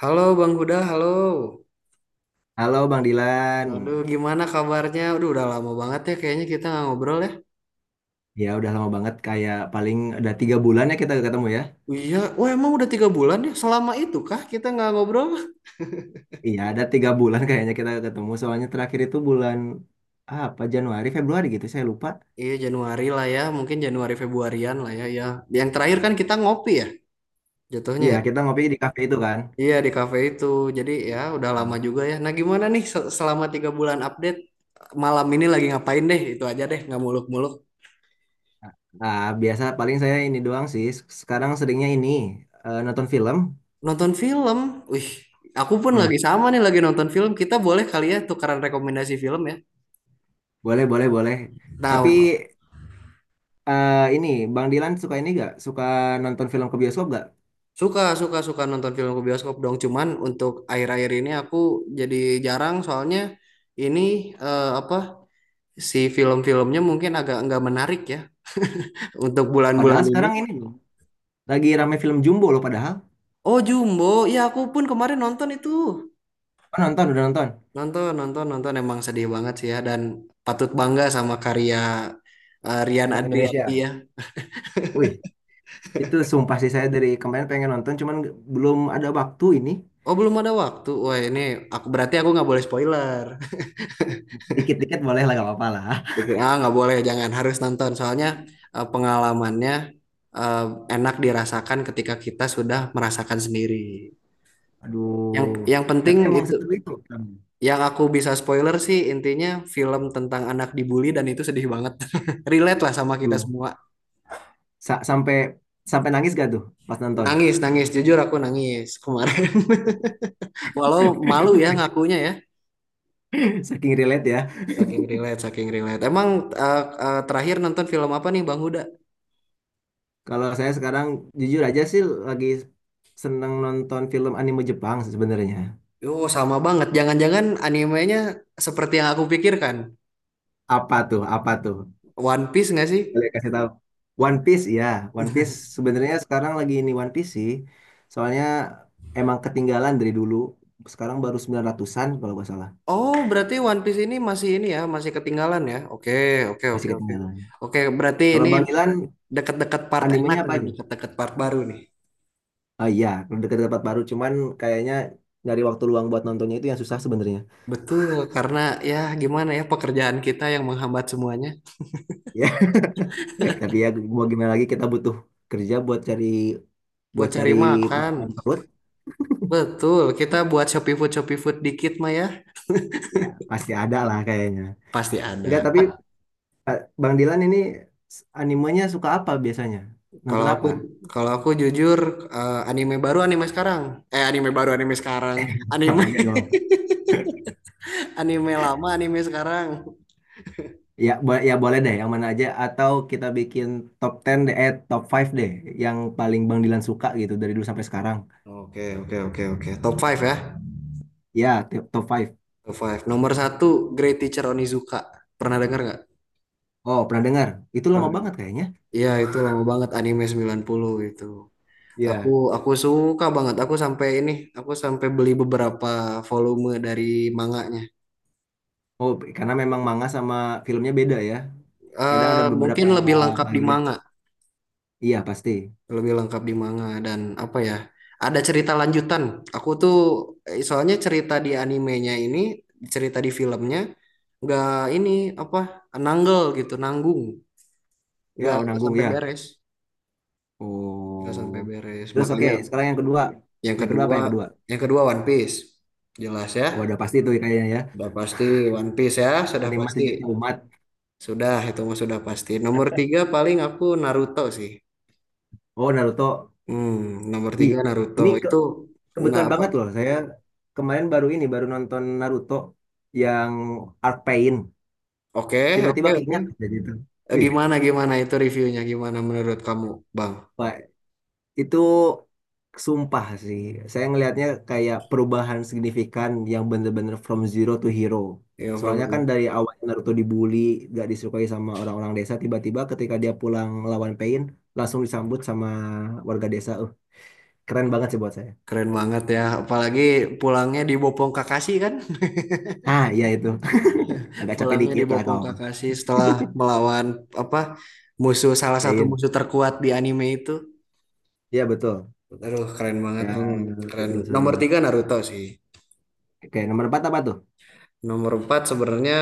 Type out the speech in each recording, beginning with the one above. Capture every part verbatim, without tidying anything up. Halo Bang Huda, halo. Halo Bang Dilan, Aduh, gimana kabarnya? Aduh, udah lama banget ya kayaknya kita nggak ngobrol ya. ya udah lama banget kayak paling ada tiga bulan ya kita ketemu ya. Iya, wah emang udah tiga bulan ya? Selama itu kah kita nggak ngobrol? Iya ada tiga bulan kayaknya kita ketemu soalnya terakhir itu bulan apa Januari Februari gitu saya lupa. Iya, Januari lah ya. Mungkin Januari Februarian lah ya. Ya, yang terakhir kan kita ngopi ya, jatuhnya, Iya ya? kita ngopi di kafe itu kan. Iya, di kafe itu. Jadi ya udah lama Hmm. juga ya. Nah, gimana nih se- selama tiga bulan update? Malam ini lagi ngapain deh? Itu aja deh, nggak muluk-muluk. Nah biasa paling saya ini doang sih. Sekarang seringnya ini eh, nonton film. Nonton film. Wih, aku pun Hmm, lagi sama nih lagi nonton film. Kita boleh kali ya tukaran rekomendasi film ya. boleh boleh boleh. Tapi Nah, eh, ini Bang Dilan suka ini gak? Suka nonton film ke bioskop gak? suka, suka, suka nonton film ke bioskop dong. Cuman untuk akhir-akhir ini aku jadi jarang soalnya ini eh, apa si film-filmnya mungkin agak nggak menarik ya untuk Padahal bulan-bulan ini. sekarang ini loh, lagi rame film Jumbo loh padahal. Oh Jumbo, ya aku pun kemarin nonton itu. Oh, nonton udah nonton. Nonton, nonton, nonton emang sedih banget sih ya dan patut bangga sama karya eh, Rian Anak Indonesia. Adriani ya. Wih, itu sumpah sih saya dari kemarin pengen nonton, cuman nggak- belum ada waktu ini. Oh belum ada waktu. Wah ini aku berarti aku nggak boleh spoiler. Dikit-dikit boleh lah, gak apa-apa lah. Bikin- Ah, nggak boleh, jangan harus nonton. Soalnya eh, pengalamannya eh, enak dirasakan ketika kita sudah merasakan sendiri. Yang Aduh, yang tapi penting emang itu, seseru itu. yang aku bisa spoiler sih intinya film tentang anak dibully dan itu sedih banget. Relate lah sama kita Aduh, semua. Sa- sampai sampai nangis gak tuh pas nonton? Nangis, nangis. Jujur aku nangis kemarin. Walau malu ya ngakunya ya. Saking relate ya. Saking relate, saking relate. Emang eh, eh, terakhir nonton film apa nih Bang Huda? Kalau saya sekarang jujur aja sih lagi seneng nonton film anime Jepang sebenarnya. Yo, sama banget. Jangan-jangan animenya seperti yang aku pikirkan. Apa tuh? Apa tuh? One Piece nggak sih? Boleh kasih tahu. One Piece ya, One Piece sebenarnya sekarang lagi ini One Piece sih. Soalnya emang ketinggalan dari dulu. Sekarang baru sembilan ratusan-an kalau nggak salah. Oh, berarti One Piece ini masih ini ya, masih ketinggalan ya? Oke, oke, Masih oke, oke. ketinggalan. Oke, berarti Kalau ini Bang Ilan deket-deket part enak animenya apa nih, aja? deket-deket part baru nih. Oh iya, dekat-dekat baru cuman kayaknya dari waktu luang buat nontonnya itu yang susah sebenarnya. Betul, karena ya gimana ya pekerjaan kita yang menghambat semuanya. Ya, tapi ya mau gimana lagi kita butuh kerja buat cari Buat buat cari cari makan. makan perut. Betul, kita buat Shopee Food, Shopee Food dikit mah ya. Ya, pasti ada lah kayaknya. Pasti Enggak, ada. tapi Pa- eh, Bang Dilan ini s- animenya suka apa biasanya? Kalau Nonton aku apa? kalau aku jujur eh, anime baru anime sekarang. Eh anime baru anime sekarang. Anime Sama aja dong. anime lama anime sekarang. Ya, bo- ya boleh deh yang mana aja atau kita bikin top sepuluh deh, eh top lima deh yang paling Bang Dilan suka gitu dari dulu sampai sekarang. Oke, oke, oke, oke. Top five ya. Ya, ti- top lima. Top five. Nomor satu, Great Teacher Onizuka. Pernah dengar nggak? Oh, pernah dengar. Itu lama Pernah. banget kayaknya. Iya, itu lama banget anime sembilan puluh itu. Aku Ya. aku suka banget. Aku sampai ini, aku sampai beli beberapa volume dari manganya. Oh, karena memang manga sama filmnya beda ya. Kadang ada Eh, mungkin beberapa lebih lengkap di bagian. manga, Iya, pasti. lebih lengkap di manga dan apa ya? Ada cerita lanjutan. Aku tuh eh, soalnya cerita di animenya ini, cerita di filmnya nggak ini apa? Nanggel gitu, nanggung. Ya, nggak oh, nggak nanggung sampai ya. beres, nggak sampai Oh. beres Terus oke, makanya sekarang yang kedua. yang Yang kedua apa kedua yang kedua? yang kedua One Piece jelas Oh, ya, udah pasti tuh kayaknya ya. sudah pasti. One Piece ya, sudah pasti, Animasi Jatuh Umat. sudah itu mah sudah pasti. Nomor tiga paling aku Naruto sih. Oh, Naruto. Hmm, nomor Ih, tiga Naruto ini ke itu. Nah Kebetulan apa, banget loh, saya kemarin baru ini, baru nonton Naruto yang Arc Pain. oke oke Tiba-tiba oke. keinget aja gitu. Eh, Wih, gimana gimana itu reviewnya, gimana menurut kamu Bang? Pak, itu sumpah sih. Saya ngelihatnya kayak perubahan signifikan yang bener-bener from zero to hero. Ya Soalnya kan Frozen dari awal Naruto dibully, gak disukai sama orang-orang desa, tiba-tiba ketika dia pulang lawan Pain, langsung disambut sama warga desa. Uh, keren banget sih buat saya. keren banget ya, apalagi pulangnya dibopong Kakashi kan. Ah, iya itu. Agak capek Pulangnya dikit lah dibopong kawan. Kakashi setelah melawan apa musuh, salah satu Pain. musuh terkuat di anime itu. Iya betul. Aduh, keren banget Ya, memang. Keren. itu seru Nomor banget. tiga Naruto sih. Oke, nomor empat apa tuh? Nomor empat sebenarnya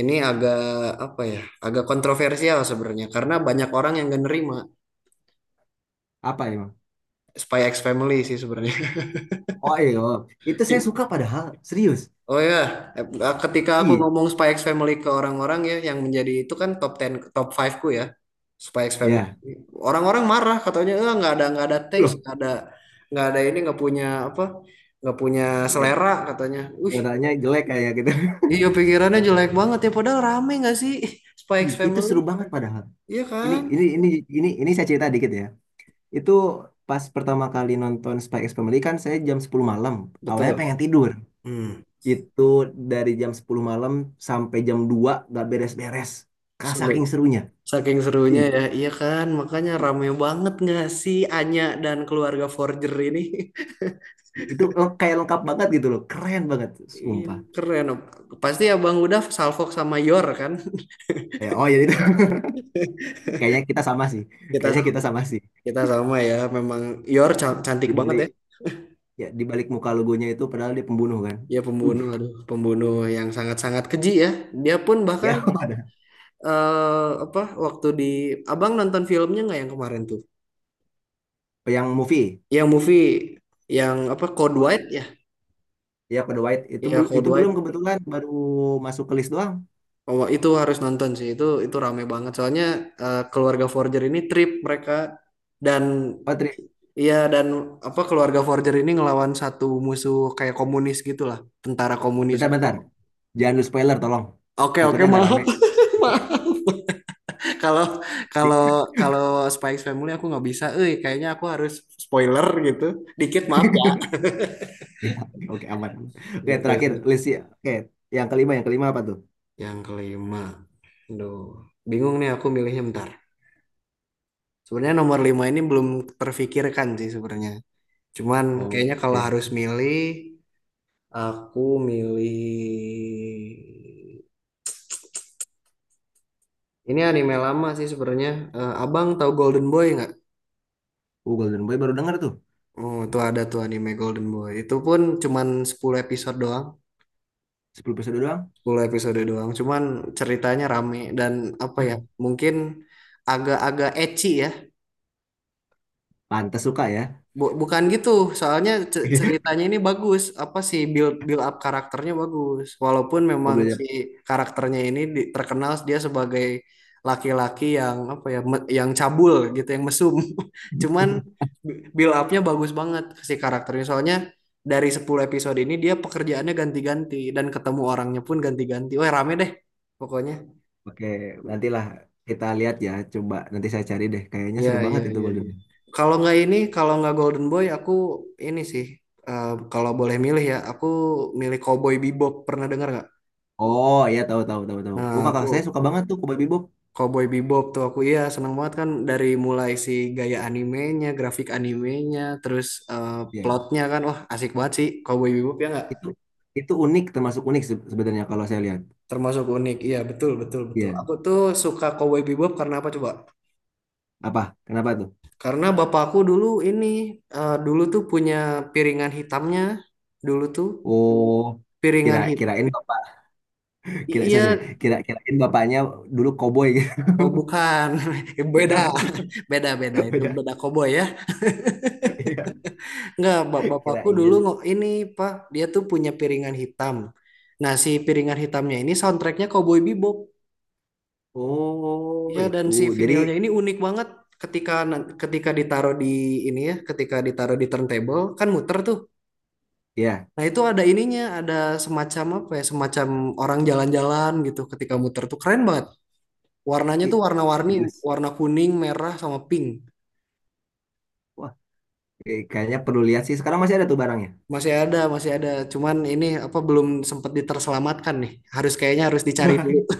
ini agak apa ya? Agak kontroversial sebenarnya karena banyak orang yang gak nerima Apa emang? Spy X Family sih sebenarnya. Oh iya, oh. Itu saya suka padahal, serius. Oh ya, eh, ketika aku Iya, ngomong Spy X Family ke orang-orang ya, yang menjadi itu kan top sepuluh, top lima ku ya, Spy X Family. ya. Orang-orang marah katanya, eh nggak ada, nggak ada taste, Loh, nggak ada nggak ada ini, nggak punya apa, nggak punya iya, selera katanya. Wih, warnanya jelek kayak gitu. iya pikirannya jelek banget ya, padahal rame nggak sih Spy X Ih, itu Family? seru banget padahal. Iya Ini kan, ini ini ini ini saya cerita dikit ya. Itu pas pertama kali nonton Spy X Family kan saya jam sepuluh malam. Awalnya pengen betul. tidur. Hmm. Itu dari jam sepuluh malam sampai jam dua gak beres-beres. Ka- Seru. Saking serunya. Saking serunya Ih, ya, iya kan, makanya rame banget nggak sih Anya dan keluarga Forger ini. itu leng- kayak lengkap banget gitu loh. Keren banget, Iya, sumpah. keren. Pasti Abang udah Salfok sama Yor kan? Ya, oh ya. Kayaknya kita sama sih. Kita Kayaknya kita sama. sama sih. Kita sama ya. Memang Yor ca- cantik Di banget ya. balik ya di balik muka logonya itu padahal dia pembunuh kan. Ya Uh, pembunuh, aduh, pembunuh yang sangat-sangat keji ya. Dia pun ya bahkan ada. eh, apa waktu di Abang nonton filmnya nggak yang kemarin tuh? Yang movie. Yang movie, yang apa Code Oh, White ya? ya Kode White itu Ya belum Code itu belum White. kebetulan baru masuk ke list doang. Oh, itu harus nonton sih. Itu itu rame banget. Soalnya eh, keluarga Forger ini trip mereka dan Oh, tri- iya dan apa keluarga Forger ini ngelawan satu musuh kayak komunis gitulah, tentara komunis gitu. bentar-bentar. Jangan lu spoiler tolong. Oke oke Takutnya agak maaf. rame. maaf. Kalau kalau kalau Spikes Family aku nggak bisa, eh kayaknya aku harus spoiler gitu, dikit maaf ya. Ya, oke aman. Oke, Gitu terakhir sih. list ya. Oke, yang kelima, yang kelima apa tuh? Yang kelima, aduh bingung nih aku milihnya bentar. Sebenarnya nomor lima ini belum terfikirkan sih sebenarnya. Cuman kayaknya kalau Oke. harus milih, aku milih ini anime lama sih sebenarnya. Eh, Abang tahu Golden Boy nggak? Uh, Golden Boy baru denger tuh. Oh, tuh ada tuh anime Golden Boy. Itu pun cuman sepuluh episode doang, Sepuluh episode doang. sepuluh episode doang. Cuman ceritanya rame dan apa ya? Mungkin agak-agak ecchi ya. Pantes suka ya. Bu- bukan gitu, soalnya ce- ceritanya ini bagus, apa sih build build up karakternya bagus. Walaupun memang si Mobilnya. karakternya ini di- terkenal dia sebagai laki-laki yang apa ya, me- yang cabul gitu, yang mesum. Cuman bu- build upnya bagus banget si karakternya. Soalnya dari sepuluh episode ini dia pekerjaannya ganti-ganti dan ketemu orangnya pun ganti-ganti. Wah, rame deh pokoknya. Oke, nantilah kita lihat ya. Coba nanti saya cari deh. Kayaknya Iya, seru iya, banget itu iya, Golden. iya. Kalau nggak ini, kalau nggak Golden Boy, aku ini sih. Eh, kalau boleh milih ya, aku milih Cowboy Bebop. Pernah dengar nggak? Oh iya tahu tahu tahu tahu. Oh Nah, aku kakak saya suka banget tuh Cowboy Bebop. Cowboy Bebop tuh aku iya seneng banget kan dari mulai si gaya animenya, grafik animenya, terus eh, Iya. plotnya kan, wah asik banget sih Cowboy Bebop ya nggak? Itu itu unik termasuk unik se- sebenarnya kalau saya lihat. Termasuk unik, iya betul betul betul. Iya. Aku tuh suka Cowboy Bebop karena apa coba? Apa? Kenapa tuh? Karena bapakku dulu ini, eh, dulu tuh punya piringan hitamnya, dulu tuh Oh kira piringan hit kirain bapak. I- kira sorry, sorry. iya, Kira kirain bapaknya dulu koboi gitu. oh bukan. Beda, beda, beda itu Beda. beda koboi ya. Iya. Enggak, bap- bapakku dulu Kirain. ngo- ini Pak, dia tuh punya piringan hitam. Nah, si piringan hitamnya ini soundtracknya Cowboy Bebop. Oh Ya, dan itu. si Jadi vinilnya ini unik banget. Ketika nan- ketika ditaruh di ini ya, ketika ditaruh di turntable kan muter tuh. ya Nah, itu ada ininya, ada semacam apa ya, semacam orang jalan-jalan gitu ketika muter tuh keren banget. Warnanya tuh i- warna-warni, serius. warna kuning, merah sama pink. Wah eh, kayaknya perlu lihat sih. Sekarang masih ada tuh barangnya. Masih ada, masih ada. Cuman ini apa belum sempat diterselamatkan nih. Harus kayaknya harus dicari dulu.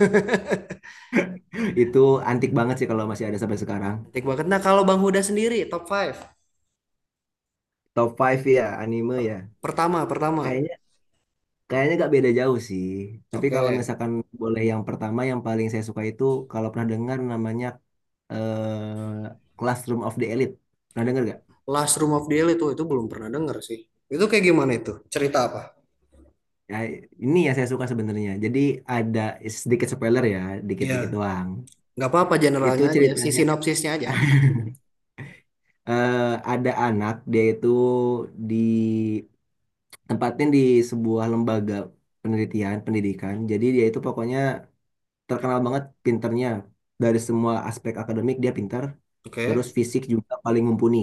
Itu antik banget sih kalau masih ada sampai sekarang. Cantik banget. Nah, kalau Bang Huda sendiri top lima. Top five ya, anime ya. Pertama, pertama. Kayaknya kayaknya nggak beda jauh sih. Tapi Oke. kalau misalkan boleh yang pertama yang paling saya suka itu kalau pernah dengar namanya eh, Classroom of the Elite. Pernah dengar nggak? Last Room of the Elite tuh itu belum pernah denger sih. Itu kayak gimana itu? Cerita apa? Ya, ini yang saya suka sebenarnya. Jadi ada sedikit spoiler ya, Ya, dikit-dikit doang. nggak apa-apa Itu generalnya aja, si ceritanya sinopsisnya aja. eh, ada anak dia itu di tempatin di sebuah lembaga penelitian pendidikan. Jadi dia itu pokoknya terkenal banget pinternya dari semua aspek akademik dia pintar terus Oke. fisik juga paling mumpuni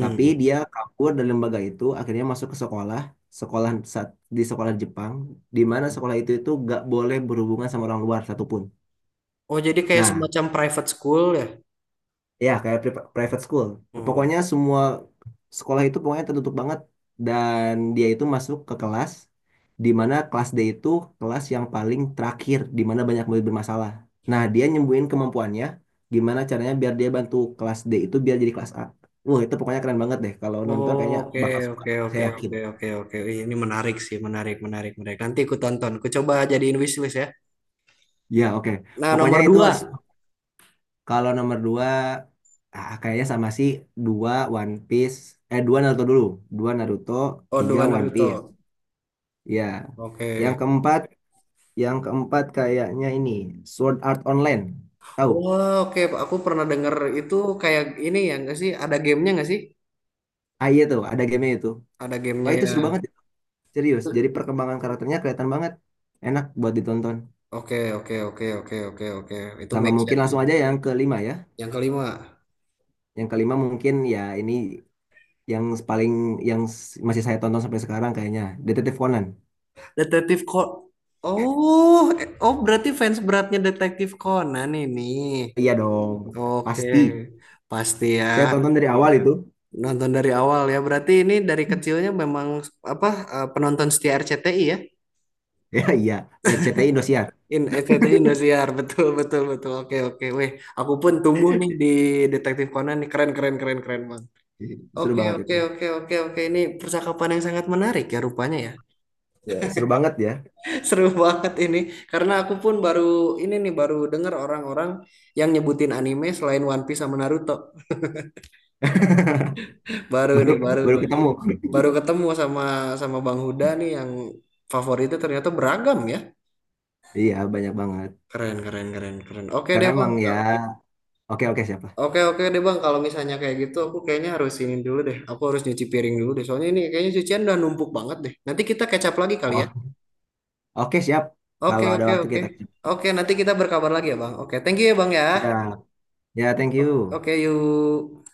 tapi dia kabur dari lembaga itu akhirnya masuk ke sekolah sekolah saat- di sekolah Jepang di mana sekolah itu itu gak boleh berhubungan sama orang luar satupun Oh, jadi kayak nah semacam private school ya? ya, kayak pri- private school. Hmm. Pokoknya semua sekolah itu pokoknya tertutup banget dan dia itu masuk ke kelas di mana kelas D itu kelas yang paling terakhir di mana banyak murid bermasalah. Nah, dia nyembuhin kemampuannya gimana caranya biar dia bantu kelas D itu biar jadi kelas A. Wah, itu pokoknya keren banget deh. Kalau nonton Oh, kayaknya oke, bakal suka. oke, Saya oke, yakin. oke, oke, oke. Ih, ini menarik sih, menarik, menarik, menarik. Nanti aku tonton. Aku coba jadiin wishlist ya. Ya, oke. Nah, Pokoknya nomor itu dua. harus. Kalau nomor dua ah, kayaknya sama sih. Dua One Piece. Eh, dua Naruto dulu. Dua Naruto, Oh, tiga dua One Piece. Naruto. Ya. Yang Oke. keempat, yang keempat kayaknya ini Sword Art Online. Tahu? Oh, oke. Aku pernah denger itu kayak ini ya nggak sih? Ada gamenya nggak sih? Ah iya tuh, ada game itu. Ada gamenya Wah itu ya. seru banget, serius. Itu- Jadi perkembangan karakternya kelihatan banget. Enak buat ditonton. oke, oke, oke, oke, oke, oke. Itu Sama make mungkin sense. langsung aja yang kelima ya. Yang kelima, Yang kelima mungkin ya ini yang paling yang s- masih saya tonton sampai sekarang kayaknya Detektif Conan. Detektif Conan. Oh, eh, oh berarti fans beratnya Detektif Conan ini. Iya dong, Oke, pasti. pasti ya. Saya tonton dari awal itu. Nonton dari awal ya. Berarti ini dari kecilnya memang apa eh, penonton setia R C T I ya? Ya iya, ya, C T I Indosiar. In S C T I Indosiar, betul betul betul. Oke oke, weh, aku pun tumbuh nih di Detektif Conan nih keren keren keren keren bang. Seru Oke banget oke itu. oke oke oke ini percakapan yang sangat menarik ya rupanya ya. Ya, seru banget ya. Seru banget ini karena aku pun baru ini nih baru dengar orang-orang yang nyebutin anime selain One Piece sama Naruto. Baru Baru nih baru baru nih ketemu. baru ketemu sama sama Bang Huda nih yang favoritnya ternyata beragam ya. Iya, banyak banget. Keren keren keren keren. Oke Karena deh bang, emang ya, oke oke siap lah. oke oke deh bang, kalau misalnya kayak gitu aku kayaknya harus ini dulu deh. Aku harus nyuci piring dulu deh. Soalnya ini kayaknya cucian udah numpuk banget deh. Nanti kita kecap lagi kali ya. Oh, oke siap. Oke Kalau ada oke waktu oke. kita siap. Oke nanti kita berkabar lagi ya bang. Oke thank you ya bang ya. Ya, thank O- you. Oke yuk.